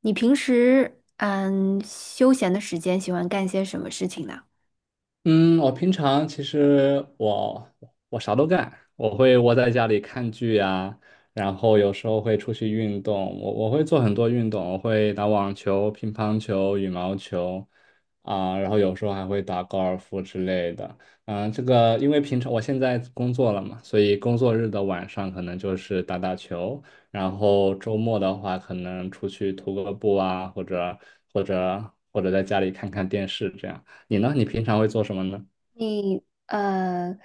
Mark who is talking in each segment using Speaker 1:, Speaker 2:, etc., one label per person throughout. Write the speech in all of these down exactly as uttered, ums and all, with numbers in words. Speaker 1: 你平时嗯休闲的时间喜欢干些什么事情呢？
Speaker 2: 嗯，我平常其实我我啥都干，我会窝在家里看剧呀，然后有时候会出去运动，我我会做很多运动，我会打网球、乒乓球、羽毛球啊，然后有时候还会打高尔夫之类的。嗯，这个因为平常我现在工作了嘛，所以工作日的晚上可能就是打打球，然后周末的话可能出去徒个步啊，或者或者或者在家里看看电视这样。你呢？你平常会做什么呢？
Speaker 1: 你呃，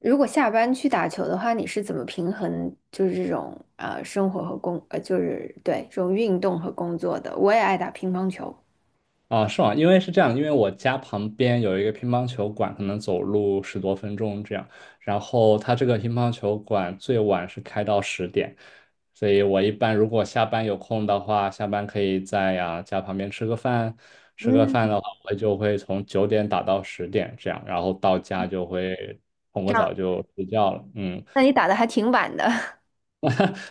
Speaker 1: 如果下班去打球的话，你是怎么平衡就是这种呃生活和工呃就是对这种运动和工作的？我也爱打乒乓球。
Speaker 2: 啊，是吗？因为是这样，因为我家旁边有一个乒乓球馆，可能走路十多分钟这样。然后它这个乒乓球馆最晚是开到十点，所以我一般如果下班有空的话，下班可以在呀、家旁边吃个饭。吃个饭
Speaker 1: 嗯，
Speaker 2: 的话，我就会从九点打到十点这样，然后到家就会冲
Speaker 1: 这
Speaker 2: 个
Speaker 1: 样。
Speaker 2: 澡就睡觉了。嗯，
Speaker 1: 那你打的还挺晚的。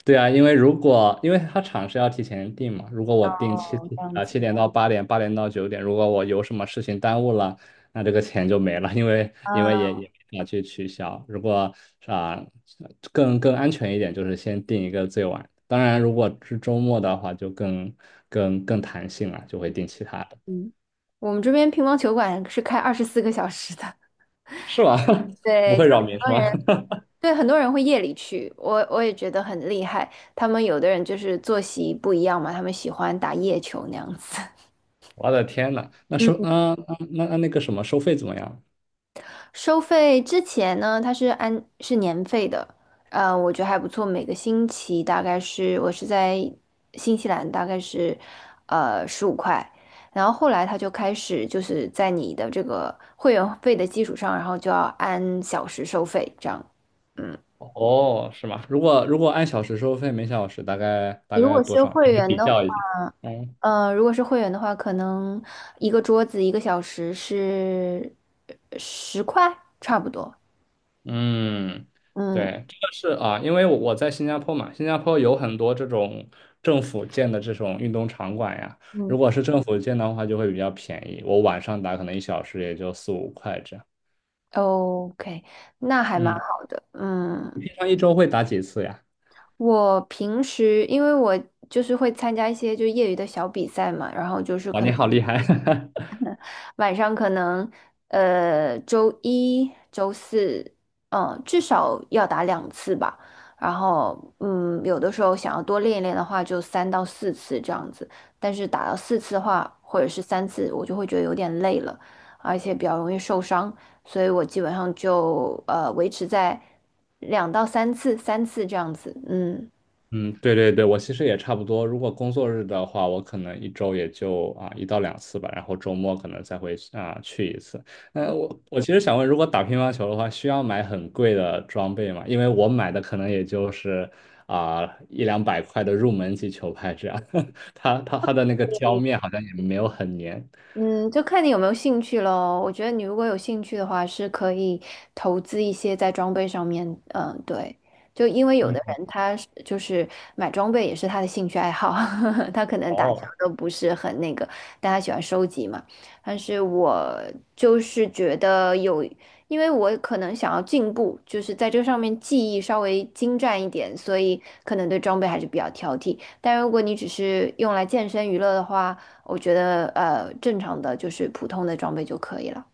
Speaker 2: 对啊，因为如果因为他场是要提前定嘛，如果我定七
Speaker 1: 哦，这样
Speaker 2: 啊
Speaker 1: 子。
Speaker 2: 七点到八点、八点到九点，如果我有什么事情耽误了，那这个钱就没了，因为因为
Speaker 1: 啊，
Speaker 2: 也也没法去取消。如果啊更更安全一点，就是先定一个最晚。当然，如果是周末的话，就更更更弹性了，就会定其他的，
Speaker 1: 嗯，我们这边乒乓球馆是开二十四个小时的。
Speaker 2: 是吧？不
Speaker 1: 对，
Speaker 2: 会
Speaker 1: 就很
Speaker 2: 扰民是
Speaker 1: 多
Speaker 2: 吧？
Speaker 1: 人。对，很多人会夜里去，我我也觉得很厉害。他们有的人就是作息不一样嘛，他们喜欢打夜球那样子。
Speaker 2: 我的天呐，那
Speaker 1: 嗯。
Speaker 2: 收啊、嗯那那那个什么收费怎么样？
Speaker 1: 收费之前呢，它是按是年费的。呃，我觉得还不错。每个星期大概是我是在新西兰，大概是呃十五块。然后后来他就开始就是在你的这个会员费的基础上，然后就要按小时收费这样。嗯。
Speaker 2: 哦，是吗？如果如果按小时收费，每小时大概大
Speaker 1: 如
Speaker 2: 概
Speaker 1: 果
Speaker 2: 多
Speaker 1: 是
Speaker 2: 少？
Speaker 1: 会
Speaker 2: 你是
Speaker 1: 员
Speaker 2: 比
Speaker 1: 的
Speaker 2: 较一下。嗯
Speaker 1: 呃，如果是会员的话，可能一个桌子一个小时是十块，差不多。
Speaker 2: 嗯，
Speaker 1: 嗯
Speaker 2: 对，这个是啊，因为我我在新加坡嘛，新加坡有很多这种政府建的这种运动场馆呀。
Speaker 1: 嗯
Speaker 2: 如果是政府建的话，就会比较便宜。我晚上打可能一小时也就四五块这样。
Speaker 1: ，OK，那还蛮
Speaker 2: 嗯，
Speaker 1: 好的。
Speaker 2: 你
Speaker 1: 嗯，
Speaker 2: 平常一周会打几次呀？
Speaker 1: 我平时因为我就是会参加一些就业余的小比赛嘛，然后就是
Speaker 2: 哇，
Speaker 1: 可
Speaker 2: 你
Speaker 1: 能
Speaker 2: 好厉害！
Speaker 1: 晚上可能呃周一、周四。嗯，至少要打两次吧。然后嗯，有的时候想要多练一练的话，就三到四次这样子。但是打到四次的话，或者是三次，我就会觉得有点累了，而且比较容易受伤，所以我基本上就呃维持在两到三次、三次这样子。嗯。
Speaker 2: 嗯，对对对，我其实也差不多。如果工作日的话，我可能一周也就啊一到两次吧，然后周末可能再会啊去一次。那我我其实想问，如果打乒乓球的话，需要买很贵的装备吗？因为我买的可能也就是啊一两百块的入门级球拍这样，它它它的那个胶面好像也没有很粘。
Speaker 1: 嗯，就看你有没有兴趣咯。我觉得你如果有兴趣的话，是可以投资一些在装备上面。嗯，对，就因为有
Speaker 2: 嗯，
Speaker 1: 的人他是就是买装备也是他的兴趣爱好。他可能打球
Speaker 2: 哦，
Speaker 1: 都不是很那个，但他喜欢收集嘛。但是我就是觉得有，因为我可能想要进步，就是在这上面技艺稍微精湛一点，所以可能对装备还是比较挑剔。但如果你只是用来健身娱乐的话，我觉得呃，正常的就是普通的装备就可以了。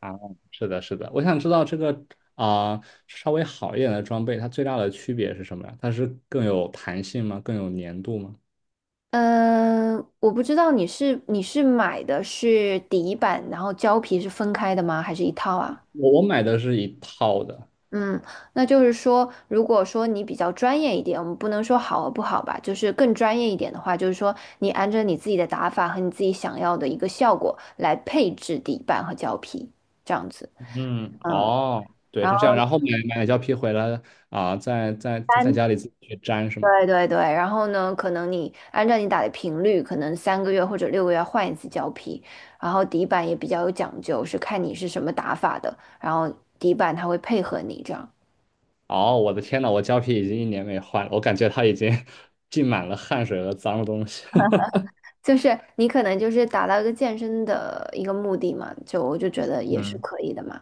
Speaker 2: 啊，是的，是的，我想知道这个啊、稍微好一点的装备，它最大的区别是什么呀？它是更有弹性吗？更有粘度吗？
Speaker 1: 嗯，我不知道你是你是买的是底板，然后胶皮是分开的吗？还是一套啊？
Speaker 2: 我我买的是一套的，
Speaker 1: 嗯，那就是说，如果说你比较专业一点，我们不能说好和不好吧，就是更专业一点的话，就是说你按照你自己的打法和你自己想要的一个效果来配置底板和胶皮，这样子。
Speaker 2: 嗯，
Speaker 1: 嗯，
Speaker 2: 哦，对，
Speaker 1: 然
Speaker 2: 是
Speaker 1: 后
Speaker 2: 这样。然后买买了胶皮回来啊、在在在
Speaker 1: 三。
Speaker 2: 家里自己去粘是吗？
Speaker 1: 对对对，然后呢，可能你按照你打的频率，可能三个月或者六个月换一次胶皮，然后底板也比较有讲究，是看你是什么打法的，然后底板它会配合你这样，
Speaker 2: 哦，我的天呐，我胶皮已经一年没换了，我感觉它已经 浸满了汗水和脏东西。
Speaker 1: 就是你可能就是达到一个健身的一个目的嘛，就我就觉得也是
Speaker 2: 嗯
Speaker 1: 可以的嘛。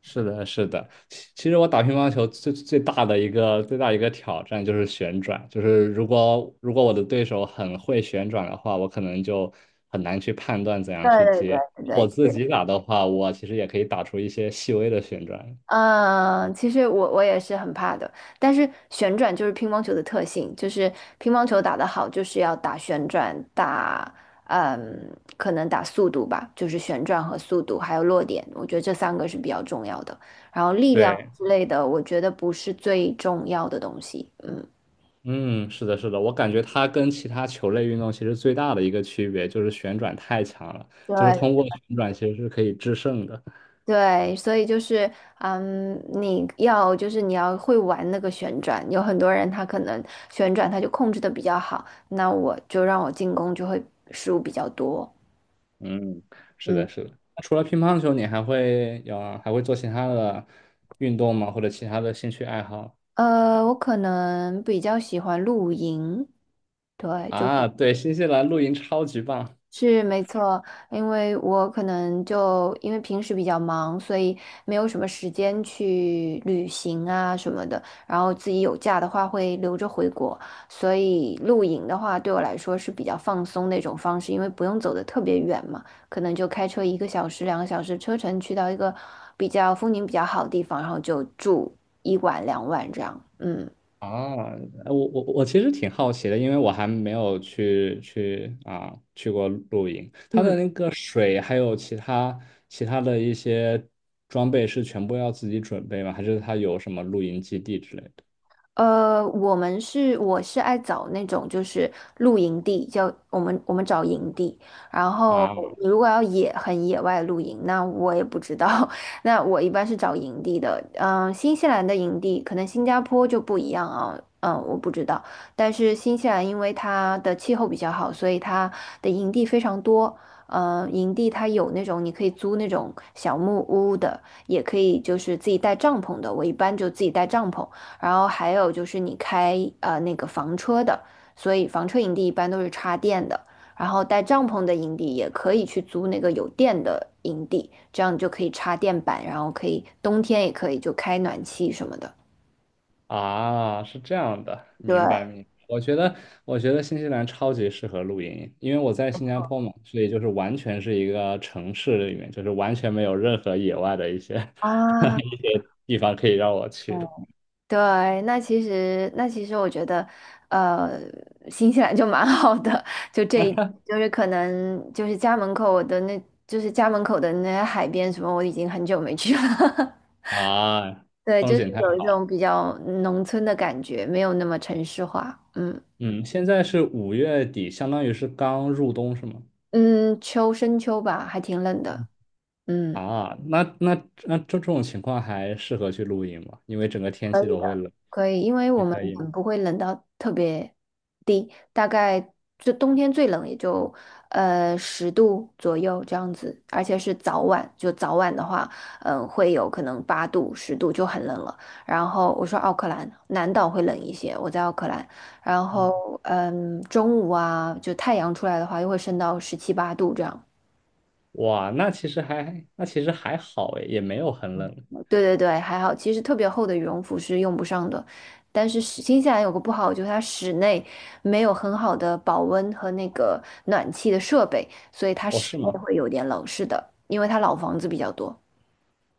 Speaker 2: 是的，是的。其其实我打乒乓球最最大的一个最大一个挑战就是旋转，就是如果如果我的对手很会旋转的话，我可能就很难去判断怎
Speaker 1: 对
Speaker 2: 样去
Speaker 1: 对对
Speaker 2: 接。
Speaker 1: 对
Speaker 2: 我自
Speaker 1: 对。
Speaker 2: 己打的话，我其实也可以打出一些细微的旋转。
Speaker 1: 嗯，其实我我也是很怕的，但是旋转就是乒乓球的特性，就是乒乓球打得好，就是要打旋转，打嗯，可能打速度吧，就是旋转和速度，还有落点，我觉得这三个是比较重要的。然后力量
Speaker 2: 对，
Speaker 1: 之类的，我觉得不是最重要的东西。嗯，
Speaker 2: 嗯，是的，是的，我感觉它跟其他球类运动其实最大的一个区别就是旋转太强了，就是
Speaker 1: 对
Speaker 2: 通过旋转其实是可以制胜的。
Speaker 1: 对，所以就是，嗯，你要就是你要会玩那个旋转，有很多人他可能旋转他就控制的比较好，那我就让我进攻就会失误比较多。
Speaker 2: 嗯，是
Speaker 1: 嗯，
Speaker 2: 的，是的。除了乒乓球，你还会有还会做其他的运动吗？或者其他的兴趣爱好？
Speaker 1: 呃，我可能比较喜欢露营。对，就。
Speaker 2: 啊，对，新西兰露营超级棒
Speaker 1: 是没错，因为我可能就因为平时比较忙，所以没有什么时间去旅行啊什么的。然后自己有假的话会留着回国，所以露营的话对我来说是比较放松那种方式，因为不用走的特别远嘛，可能就开车一个小时、两个小时车程去到一个比较风景比较好的地方，然后就住一晚两晚这样。嗯
Speaker 2: 啊！哎我我我其实挺好奇的，因为我还没有去去啊去过露营。
Speaker 1: 嗯。
Speaker 2: 这水还有其他其他的一些装备是全部要自己准备吗？还是他有什么露营基地之类的？
Speaker 1: 呃，我们是我是爱找那种就是露营地，叫我们我们找营地。然后
Speaker 2: 啊，
Speaker 1: 你如果要野很野外露营，那我也不知道。那我一般是找营地的，嗯，新西兰的营地可能新加坡就不一样啊，嗯，我不知道。但是新西兰因为它的气候比较好，所以它的营地非常多。嗯，营地它有那种你可以租那种小木屋的，也可以就是自己带帐篷的。我一般就自己带帐篷。然后还有就是你开呃那个房车的，所以房车营地一般都是插电的。然后带帐篷的营地也可以去租那个有电的营地，这样你就可以插电板，然后可以冬天也可以就开暖气什么的。
Speaker 2: 啊，是这样的，
Speaker 1: 对
Speaker 2: 明白明白。我觉得，我觉得新西兰超级适合露营，因为我在新加坡嘛，所以就是完全是一个城市里面，就是完全没有任何野外的一些
Speaker 1: 啊，
Speaker 2: 一些地方可以让我去的
Speaker 1: 对，那其实那其实我觉得，呃，新西兰就蛮好的。就这一就是可能就是家门口的那就是家门口的那些海边什么，我已经很久没去了。
Speaker 2: 啊，
Speaker 1: 对，
Speaker 2: 风
Speaker 1: 就是
Speaker 2: 景太
Speaker 1: 有一
Speaker 2: 好了。
Speaker 1: 种比较农村的感觉，没有那么城市化。嗯
Speaker 2: 嗯，现在是五月底，相当于是刚入冬，是吗？
Speaker 1: 嗯，秋深秋吧，还挺冷的。嗯。
Speaker 2: 啊，那那那这这种情况还适合去露营吗？因为整个天
Speaker 1: 可
Speaker 2: 气
Speaker 1: 以
Speaker 2: 都会
Speaker 1: 的。
Speaker 2: 冷，
Speaker 1: 可以，因为
Speaker 2: 也
Speaker 1: 我们
Speaker 2: 可以吗？
Speaker 1: 很不会冷到特别低，大概就冬天最冷也就呃十度左右这样子，而且是早晚，就早晚的话，嗯、会有可能八度、十度就很冷了。然后我说奥克兰南岛会冷一些，我在奥克兰，然后嗯、中午啊，就太阳出来的话，又会升到十七八度这样。
Speaker 2: 哇，那其实还那其实还好诶，也没有很冷。
Speaker 1: 对对对，还好，其实特别厚的羽绒服是用不上的，但是室新西兰有个不好，就是它室内没有很好的保温和那个暖气的设备，所以它
Speaker 2: 哦，
Speaker 1: 室
Speaker 2: 是
Speaker 1: 内
Speaker 2: 吗？
Speaker 1: 会有点冷，是的，因为它老房子比较多。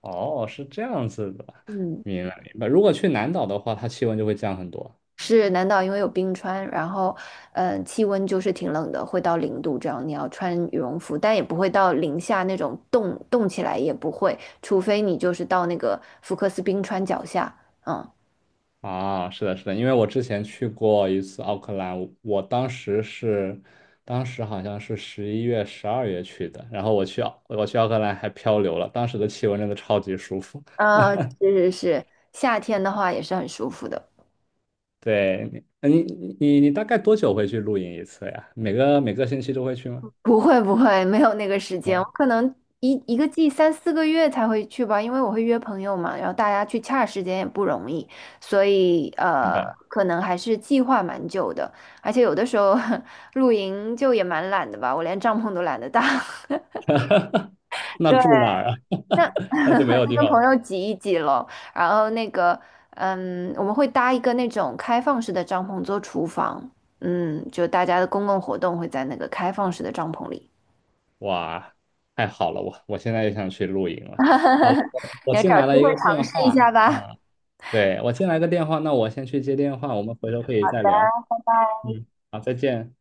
Speaker 2: 哦，是这样子的，
Speaker 1: 嗯，
Speaker 2: 明白明白。如果去南岛的话，它气温就会降很多
Speaker 1: 是南岛因为有冰川，然后嗯，气温就是挺冷的，会到零度这样，你要穿羽绒服，但也不会到零下那种冻冻起来也不会，除非你就是到那个福克斯冰川脚下。嗯。
Speaker 2: 啊。是的，是的，因为我之前去过一次奥克兰，我当时是，当时好像是十一月、十二月去的，然后我去奥，我去奥克兰还漂流了，当时的气温真的超级舒服。
Speaker 1: 呃，是是是，夏天的话也是很舒服的。
Speaker 2: 对，你呃你你你大概多久会去露营一次呀？每个每个星期都会去吗？
Speaker 1: 不会不会，没有那个时
Speaker 2: 没
Speaker 1: 间，我
Speaker 2: 有，
Speaker 1: 可能一一个季三四个月才会去吧，因为我会约朋友嘛，然后大家去掐时间也不容易，所以
Speaker 2: 明
Speaker 1: 呃，
Speaker 2: 白。
Speaker 1: 可能还是计划蛮久的。而且有的时候 露营就也蛮懒的吧，我连帐篷都懒得搭。
Speaker 2: 那
Speaker 1: 对。
Speaker 2: 住哪儿啊？
Speaker 1: 那
Speaker 2: 那就没 有
Speaker 1: 就
Speaker 2: 地
Speaker 1: 跟
Speaker 2: 方。
Speaker 1: 朋友挤一挤喽。然后那个，嗯，我们会搭一个那种开放式的帐篷做厨房，嗯，就大家的公共活动会在那个开放式的帐篷里。
Speaker 2: 哇，太好了，我我现在就想去露营了。好了，我我
Speaker 1: 你要
Speaker 2: 进
Speaker 1: 找
Speaker 2: 来
Speaker 1: 机
Speaker 2: 了一
Speaker 1: 会
Speaker 2: 个
Speaker 1: 尝
Speaker 2: 电
Speaker 1: 试一
Speaker 2: 话，
Speaker 1: 下吧。
Speaker 2: 啊，对，我进来个电话，那我先去接电话，我们回头可以再聊。嗯，好，再见。